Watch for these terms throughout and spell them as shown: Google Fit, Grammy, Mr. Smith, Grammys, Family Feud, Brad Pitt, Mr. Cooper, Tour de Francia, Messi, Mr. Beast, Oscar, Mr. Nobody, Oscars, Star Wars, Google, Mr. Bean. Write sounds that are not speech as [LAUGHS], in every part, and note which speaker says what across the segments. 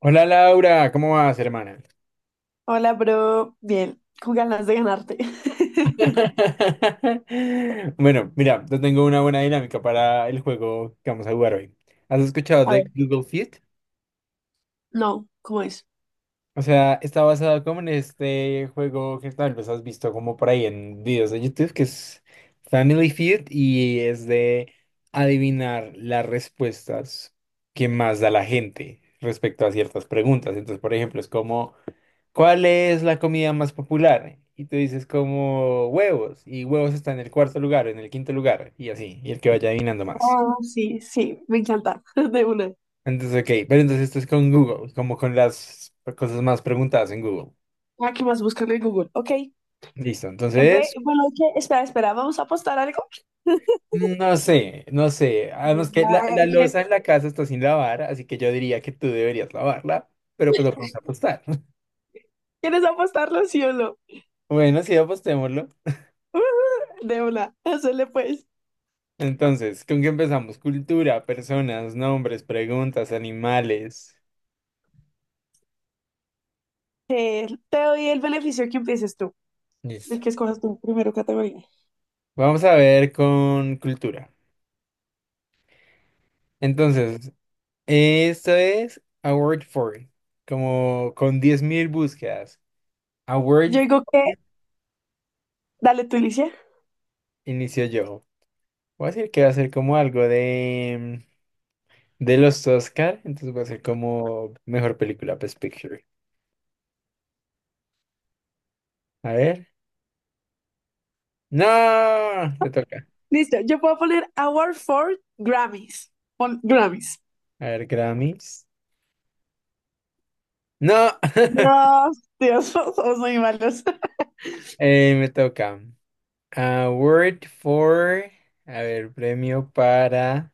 Speaker 1: Hola Laura, ¿cómo vas, hermana?
Speaker 2: Hola, bro. Bien, con ganas de ganarte. [LAUGHS]
Speaker 1: [LAUGHS] Bueno, mira, yo tengo una buena dinámica para el juego que vamos a jugar hoy. ¿Has escuchado
Speaker 2: A ver,
Speaker 1: de Google Fit?
Speaker 2: no, ¿cómo es?
Speaker 1: O sea, está basado como en este juego que tal vez has visto como por ahí en videos de YouTube, que es Family Feud y es de adivinar las respuestas que más da la gente respecto a ciertas preguntas. Entonces, por ejemplo, es como ¿cuál es la comida más popular? Y tú dices como huevos, y huevos está en el cuarto lugar, en el quinto lugar, y así, y el que vaya adivinando más.
Speaker 2: Sí, sí, me encanta. [LAUGHS] De una.
Speaker 1: Entonces, ok, pero entonces esto es con Google, como con las cosas más preguntadas en Google.
Speaker 2: ¿Qué más? Búscalo en Google. Ok.
Speaker 1: Listo, entonces,
Speaker 2: Bueno, ¿qué? ¿Vamos a apostar algo? [LAUGHS]
Speaker 1: no sé, no sé. Además que la
Speaker 2: Ay,
Speaker 1: loza en la casa está sin lavar, así que yo diría que tú deberías lavarla, pero pues lo vamos a apostar. [LAUGHS]
Speaker 2: ¿quieres apostarlo, sí o no?
Speaker 1: Bueno, sí, apostémoslo.
Speaker 2: [LAUGHS] De una, hazle pues.
Speaker 1: Entonces, ¿con qué empezamos? Cultura, personas, nombres, preguntas, animales.
Speaker 2: Te doy el beneficio que empieces tú,
Speaker 1: Listo.
Speaker 2: el que escojas tu primero categoría.
Speaker 1: Vamos a ver con cultura. Entonces, esto es A Word For It, como con 10.000 búsquedas. A Word
Speaker 2: Yo digo que,
Speaker 1: for It,
Speaker 2: dale tú, Alicia.
Speaker 1: inicio yo. Voy a decir que va a ser como algo de los Oscar, entonces va a ser como mejor película, Best Picture. A ver. No, te toca.
Speaker 2: Listo, yo puedo poner Award for Grammys. Pon Grammys.
Speaker 1: A ver, Grammys. No. [LAUGHS]
Speaker 2: No, Dios, [LAUGHS] somos muy malos.
Speaker 1: Me toca. Award for, a ver, premio para,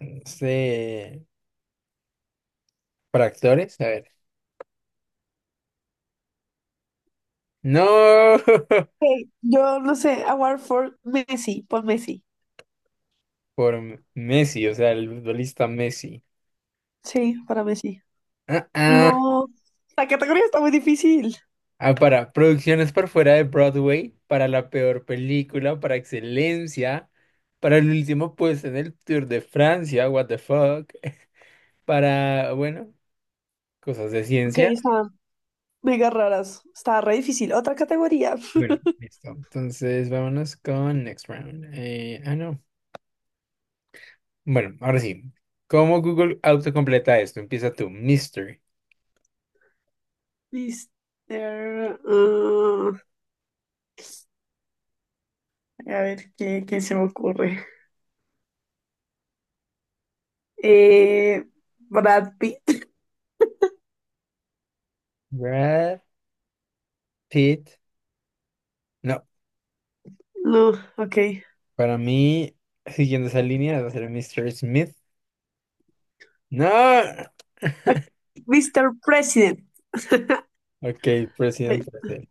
Speaker 1: no sé. ¿Por actores? A ver. No. [LAUGHS]
Speaker 2: Ok, yo no sé, award for Messi, por Messi.
Speaker 1: Por Messi, o sea, el futbolista Messi.
Speaker 2: Sí, para Messi.
Speaker 1: Ah, ah.
Speaker 2: No, la categoría está muy difícil.
Speaker 1: Ah, para producciones por fuera de Broadway, para la peor película, para excelencia, para el último puesto en el Tour de Francia, what the fuck, [LAUGHS] para, bueno, cosas de
Speaker 2: Ok,
Speaker 1: ciencia.
Speaker 2: están mega raras. Está re difícil. Otra categoría.
Speaker 1: Bueno,
Speaker 2: [LAUGHS]
Speaker 1: listo. Entonces, vámonos con next round. No. Bueno, ahora sí. ¿Cómo Google autocompleta esto? Empieza tú, Mr.
Speaker 2: Mister, ah, a ver, ¿qué se me ocurre? Eh, Brad Pitt. [LAUGHS]
Speaker 1: Brad Pitt. No.
Speaker 2: No, ok.
Speaker 1: Para mí, siguiendo esa línea, va a ser Mr. Smith. No.
Speaker 2: Ok,
Speaker 1: [LAUGHS]
Speaker 2: Mr. President. [LAUGHS]
Speaker 1: Ok, presidente.
Speaker 2: Ay,
Speaker 1: Presidente.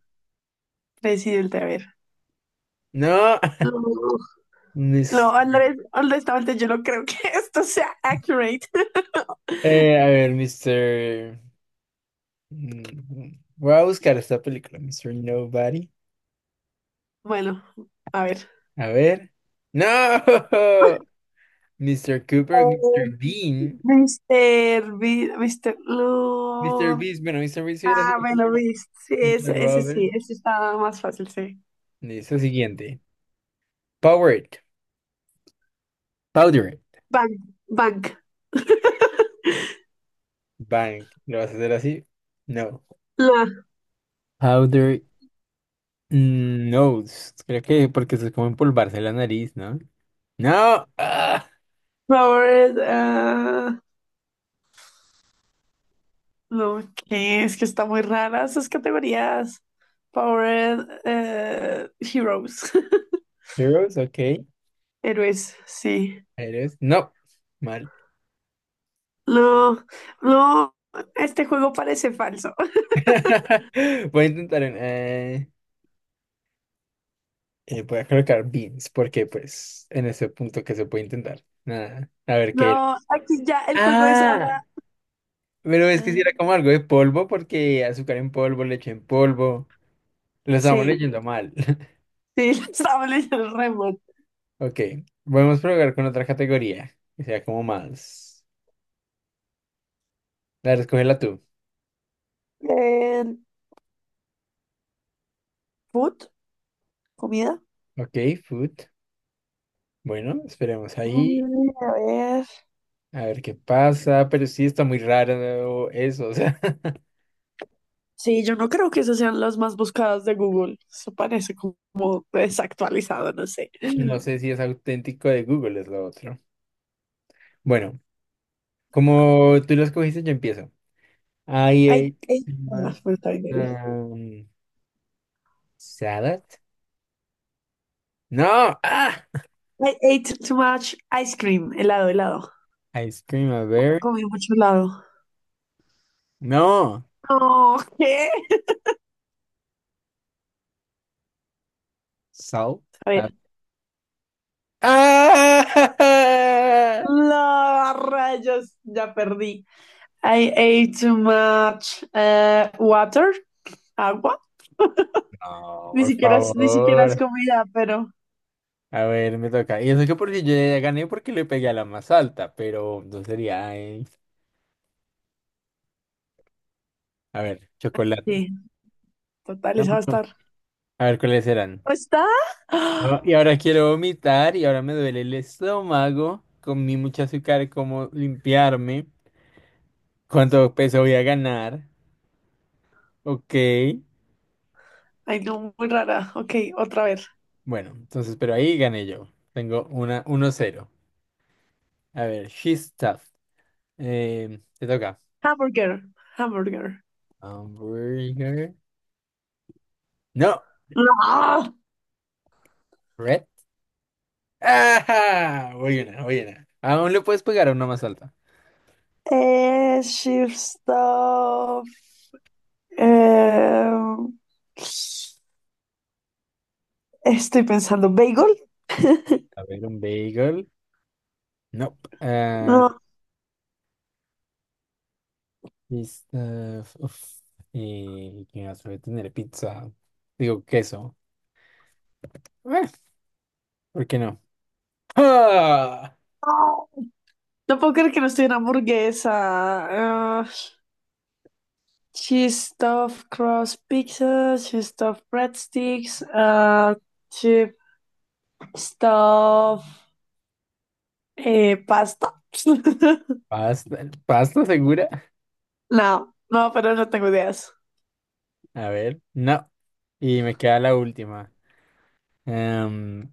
Speaker 2: presidente, a ver.
Speaker 1: No.
Speaker 2: No,
Speaker 1: [LAUGHS]
Speaker 2: no,
Speaker 1: Mis-
Speaker 2: Andrés, honestamente, yo no creo que [LAUGHS] esto sea accurate. [LAUGHS]
Speaker 1: a ver, Mr. Voy a buscar esta película, Mr. Nobody.
Speaker 2: Bueno, a ver.
Speaker 1: A ver. No. [LAUGHS] Mr. Cooper, Mr.
Speaker 2: Eh,
Speaker 1: Bean.
Speaker 2: Mr. Beast, Mr.
Speaker 1: Mr.
Speaker 2: No.
Speaker 1: Beast, bueno, Mr. Beast hubiera
Speaker 2: Ah,
Speaker 1: sido
Speaker 2: bueno,
Speaker 1: como
Speaker 2: Beast. Sí,
Speaker 1: Mr.
Speaker 2: ese
Speaker 1: Robert.
Speaker 2: sí, ese estaba más fácil, sí.
Speaker 1: Listo, siguiente. Powered. Powder.
Speaker 2: Bank, Bank.
Speaker 1: Bank. ¿Lo vas a hacer así? No.
Speaker 2: La
Speaker 1: Powder. No, creo que porque se es como empolvarse la nariz, ¿no? No,
Speaker 2: Robert. No, ¿qué? Es que está muy rara esas categorías. Power Heroes. [LAUGHS]
Speaker 1: Heroes, ok.
Speaker 2: Héroes, sí.
Speaker 1: Heroes, no, mal.
Speaker 2: No, no, este juego parece falso.
Speaker 1: [LAUGHS] Voy a intentar, voy a colocar beans, porque pues en ese punto que se puede intentar. Nada, a ver qué era.
Speaker 2: No, aquí ya el juego es
Speaker 1: Ah,
Speaker 2: ahora.
Speaker 1: pero es que si
Speaker 2: Ah,
Speaker 1: era como algo de polvo, porque azúcar en polvo, leche en polvo. Lo estamos
Speaker 2: sí,
Speaker 1: leyendo mal. [LAUGHS]
Speaker 2: sí, [LAUGHS] estaba leyendo el remoto.
Speaker 1: Ok, podemos probar con otra categoría, que sea como más. La escógela tú.
Speaker 2: Eh, food, comida.
Speaker 1: Ok, food. Bueno, esperemos ahí,
Speaker 2: A ver.
Speaker 1: a ver qué pasa, pero sí está muy raro eso, o sea. [LAUGHS]
Speaker 2: Sí, yo no creo que esas sean las más buscadas de Google. Eso parece como desactualizado, no sé.
Speaker 1: No sé si es auténtico de Google, es lo otro. Bueno, como tú lo escogiste, yo empiezo.
Speaker 2: I
Speaker 1: I
Speaker 2: ate,
Speaker 1: ate,
Speaker 2: más, pues, está bien, dale.
Speaker 1: um, salad. No,
Speaker 2: I ate too much ice cream, helado, helado.
Speaker 1: ice cream, a ver,
Speaker 2: Comí mucho helado.
Speaker 1: no,
Speaker 2: No, ¿qué?
Speaker 1: salt.
Speaker 2: A
Speaker 1: a-
Speaker 2: ver.
Speaker 1: ¡Ah! [LAUGHS]
Speaker 2: La rayos, ya perdí. I ate too much water, agua.
Speaker 1: No, por
Speaker 2: Ni siquiera es
Speaker 1: favor.
Speaker 2: comida, pero
Speaker 1: A ver, me toca. Y eso que porque yo ya gané porque le pegué a la más alta, pero no sería. A ver, chocolate.
Speaker 2: sí, total,
Speaker 1: No,
Speaker 2: esa va a
Speaker 1: no.
Speaker 2: estar.
Speaker 1: A ver cuáles eran.
Speaker 2: ¿No está? [GASPS] ¡Ah!
Speaker 1: Ah, y ahora quiero vomitar y ahora me duele el estómago. Comí mucho azúcar, ¿cómo limpiarme? ¿Cuánto peso voy a ganar? Ok.
Speaker 2: Ay, no, muy rara. Ok, otra vez.
Speaker 1: Bueno, entonces, pero ahí gané yo. Tengo una 1-0. A ver, she's tough. Te toca.
Speaker 2: Hamburger, hamburger.
Speaker 1: Hamburger. No,
Speaker 2: [GASPS] No.
Speaker 1: red. ¡Ah! Voy una, voy una. Aún le puedes pegar a una más alta.
Speaker 2: Shift stuff. Eh, estoy pensando, bagel. [LAUGHS]
Speaker 1: A ver, un bagel. No.
Speaker 2: No.
Speaker 1: Pista, uf, y que suele tener pizza. Digo, queso. Eh, ¿Por qué no? ¡Ah!
Speaker 2: No puedo creer que no estoy en hamburguesa. Ah, she stuffed crust pizzas, she stuffed breadsticks, she stuffed pasta. [LAUGHS]
Speaker 1: ¿Pasta? ¿Pasta segura?
Speaker 2: No, no, pero no tengo ideas.
Speaker 1: A ver, no. Y me queda la última. Em,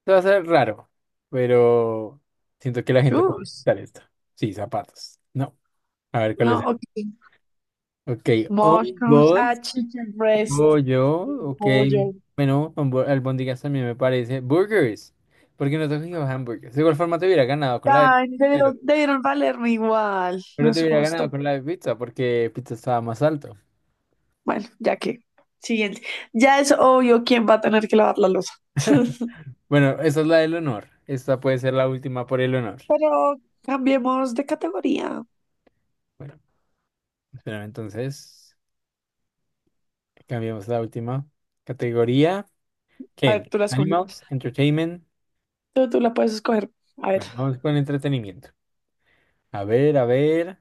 Speaker 1: esto va a ser raro, pero siento que la gente puede
Speaker 2: Chus.
Speaker 1: pintar esto. Sí, zapatos. No. A ver, ¿cuál es?
Speaker 2: No, ok.
Speaker 1: Ok,
Speaker 2: Mushrooms, ah,
Speaker 1: hongos.
Speaker 2: chicken
Speaker 1: Oh,
Speaker 2: breast,
Speaker 1: yo,
Speaker 2: sí,
Speaker 1: ok.
Speaker 2: pollo.
Speaker 1: Bueno, albóndigas también me parece. Burgers. Porque no tengo hamburgers. De igual forma te hubiera ganado con la de,
Speaker 2: Ay,
Speaker 1: pero,
Speaker 2: debieron valerme igual, no
Speaker 1: pero te
Speaker 2: es
Speaker 1: hubiera ganado
Speaker 2: justo.
Speaker 1: con la de pizza porque pizza estaba más alto.
Speaker 2: Bueno, ya que. Siguiente. Ya es obvio quién va a tener que lavar la losa. [LAUGHS]
Speaker 1: Bueno, esa es la del honor. Esta puede ser la última por el honor.
Speaker 2: Pero cambiemos de categoría.
Speaker 1: Bueno, espera, entonces cambiamos la última categoría.
Speaker 2: A
Speaker 1: ¿Qué?
Speaker 2: ver, tú la escoges.
Speaker 1: Animals, entertainment.
Speaker 2: Tú la puedes escoger. A ver.
Speaker 1: Bueno, vamos con entretenimiento. A ver, a ver.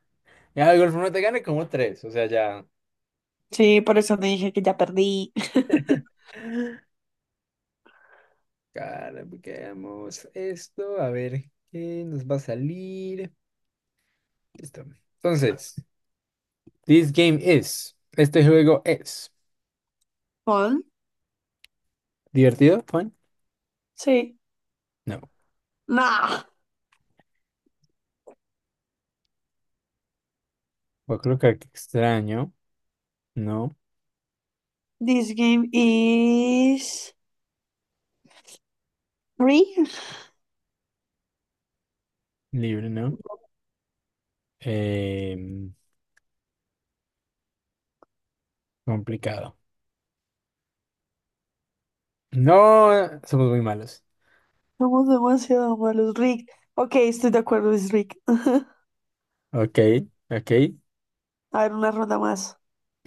Speaker 1: Ya, de igual forma te gané como tres. O sea, ya.
Speaker 2: Sí, por eso te dije que ya perdí. [LAUGHS]
Speaker 1: Caramba, esto. A ver, ¿qué nos va a salir? Listo. Entonces, this game is. Este juego es.
Speaker 2: ¿Con?
Speaker 1: ¿Divertido, fun?
Speaker 2: Sí.
Speaker 1: No.
Speaker 2: Nah.
Speaker 1: Yo creo que aquí extraño. No.
Speaker 2: This game is rigged.
Speaker 1: Libre, no. Em, complicado. No, somos muy malos.
Speaker 2: Somos demasiado malos. Rigged. Ok, estoy de acuerdo, es rigged. [LAUGHS]
Speaker 1: Ok, ok.
Speaker 2: A ver, una ronda más.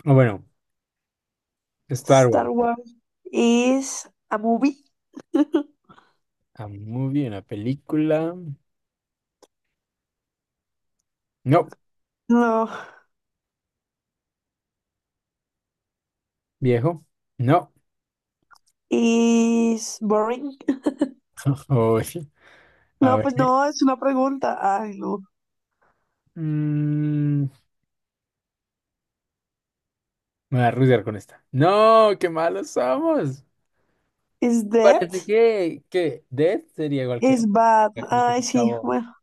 Speaker 1: O bueno, Star
Speaker 2: Star
Speaker 1: Wars.
Speaker 2: Wars is a movie. [LAUGHS]
Speaker 1: A movie, una película. No.
Speaker 2: No.
Speaker 1: Viejo. No.
Speaker 2: Is boring. [LAUGHS]
Speaker 1: [LAUGHS] Uy, a
Speaker 2: No, pues
Speaker 1: ver.
Speaker 2: no, es una pregunta. Ay, no.
Speaker 1: Mm, Me voy a rudear con esta. No, qué malos somos.
Speaker 2: Is dead?
Speaker 1: Parece que Death sería igual que...
Speaker 2: Is bad.
Speaker 1: Como que
Speaker 2: Ay,
Speaker 1: se
Speaker 2: sí.
Speaker 1: acabó.
Speaker 2: Bueno.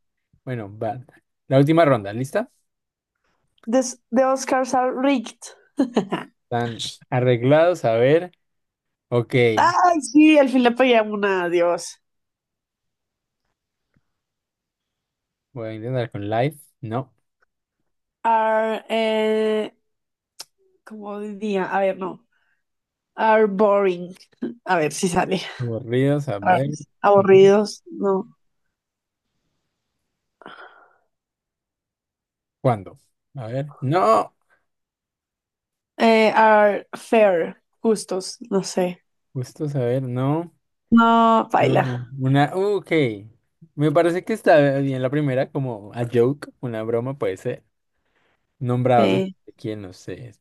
Speaker 1: Bueno, va. La última ronda, ¿lista?
Speaker 2: The Oscars are rigged. [LAUGHS]
Speaker 1: Están arreglados, a ver. Ok.
Speaker 2: Ay, sí, al fin le pegué a una, Dios.
Speaker 1: Voy a intentar con live. No.
Speaker 2: Are, ¿cómo diría? A ver, no. Are boring. A ver si sale.
Speaker 1: Aburridos, a
Speaker 2: Are
Speaker 1: ver. Ujú.
Speaker 2: aburridos, no.
Speaker 1: ¿Cuándo? A ver. No.
Speaker 2: Are fair, justos, no sé.
Speaker 1: Justo a ver, no.
Speaker 2: No, paila.
Speaker 1: No. Una. Ok. Me parece que está bien la primera, como a joke, una broma, puede ser. Nombrados ¿eh?
Speaker 2: Sí.
Speaker 1: De quién, no sé.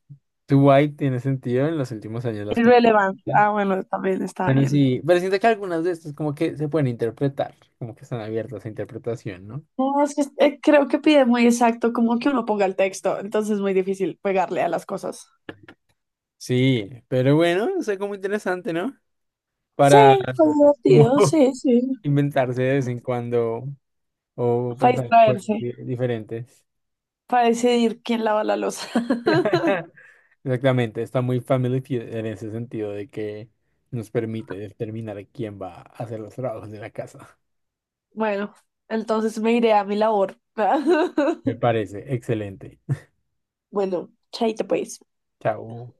Speaker 1: Too Dwight tiene sentido en los últimos años las
Speaker 2: Irrelevant.
Speaker 1: controversias.
Speaker 2: Ah, bueno, también está
Speaker 1: Bueno,
Speaker 2: bien.
Speaker 1: sí, pero siento que algunas de estas como que se pueden interpretar, como que están abiertas a interpretación, ¿no?
Speaker 2: No, es que creo que pide muy exacto, como que uno ponga el texto, entonces es muy difícil pegarle a las cosas.
Speaker 1: Sí, pero bueno, o sea como interesante, ¿no?
Speaker 2: Sí,
Speaker 1: Para
Speaker 2: fue
Speaker 1: como
Speaker 2: divertido,
Speaker 1: [LAUGHS]
Speaker 2: sí, sí.
Speaker 1: inventarse de vez en cuando o
Speaker 2: Para
Speaker 1: pensar juegos
Speaker 2: distraerse,
Speaker 1: diferentes.
Speaker 2: para decidir quién lava la loza. [LAUGHS]
Speaker 1: [LAUGHS] Exactamente, está muy Family Feud en ese sentido de que nos permite determinar quién va a hacer los trabajos de la casa.
Speaker 2: Bueno, entonces me iré a mi labor.
Speaker 1: Me
Speaker 2: [LAUGHS]
Speaker 1: parece excelente.
Speaker 2: Bueno, chaito pues.
Speaker 1: Chao.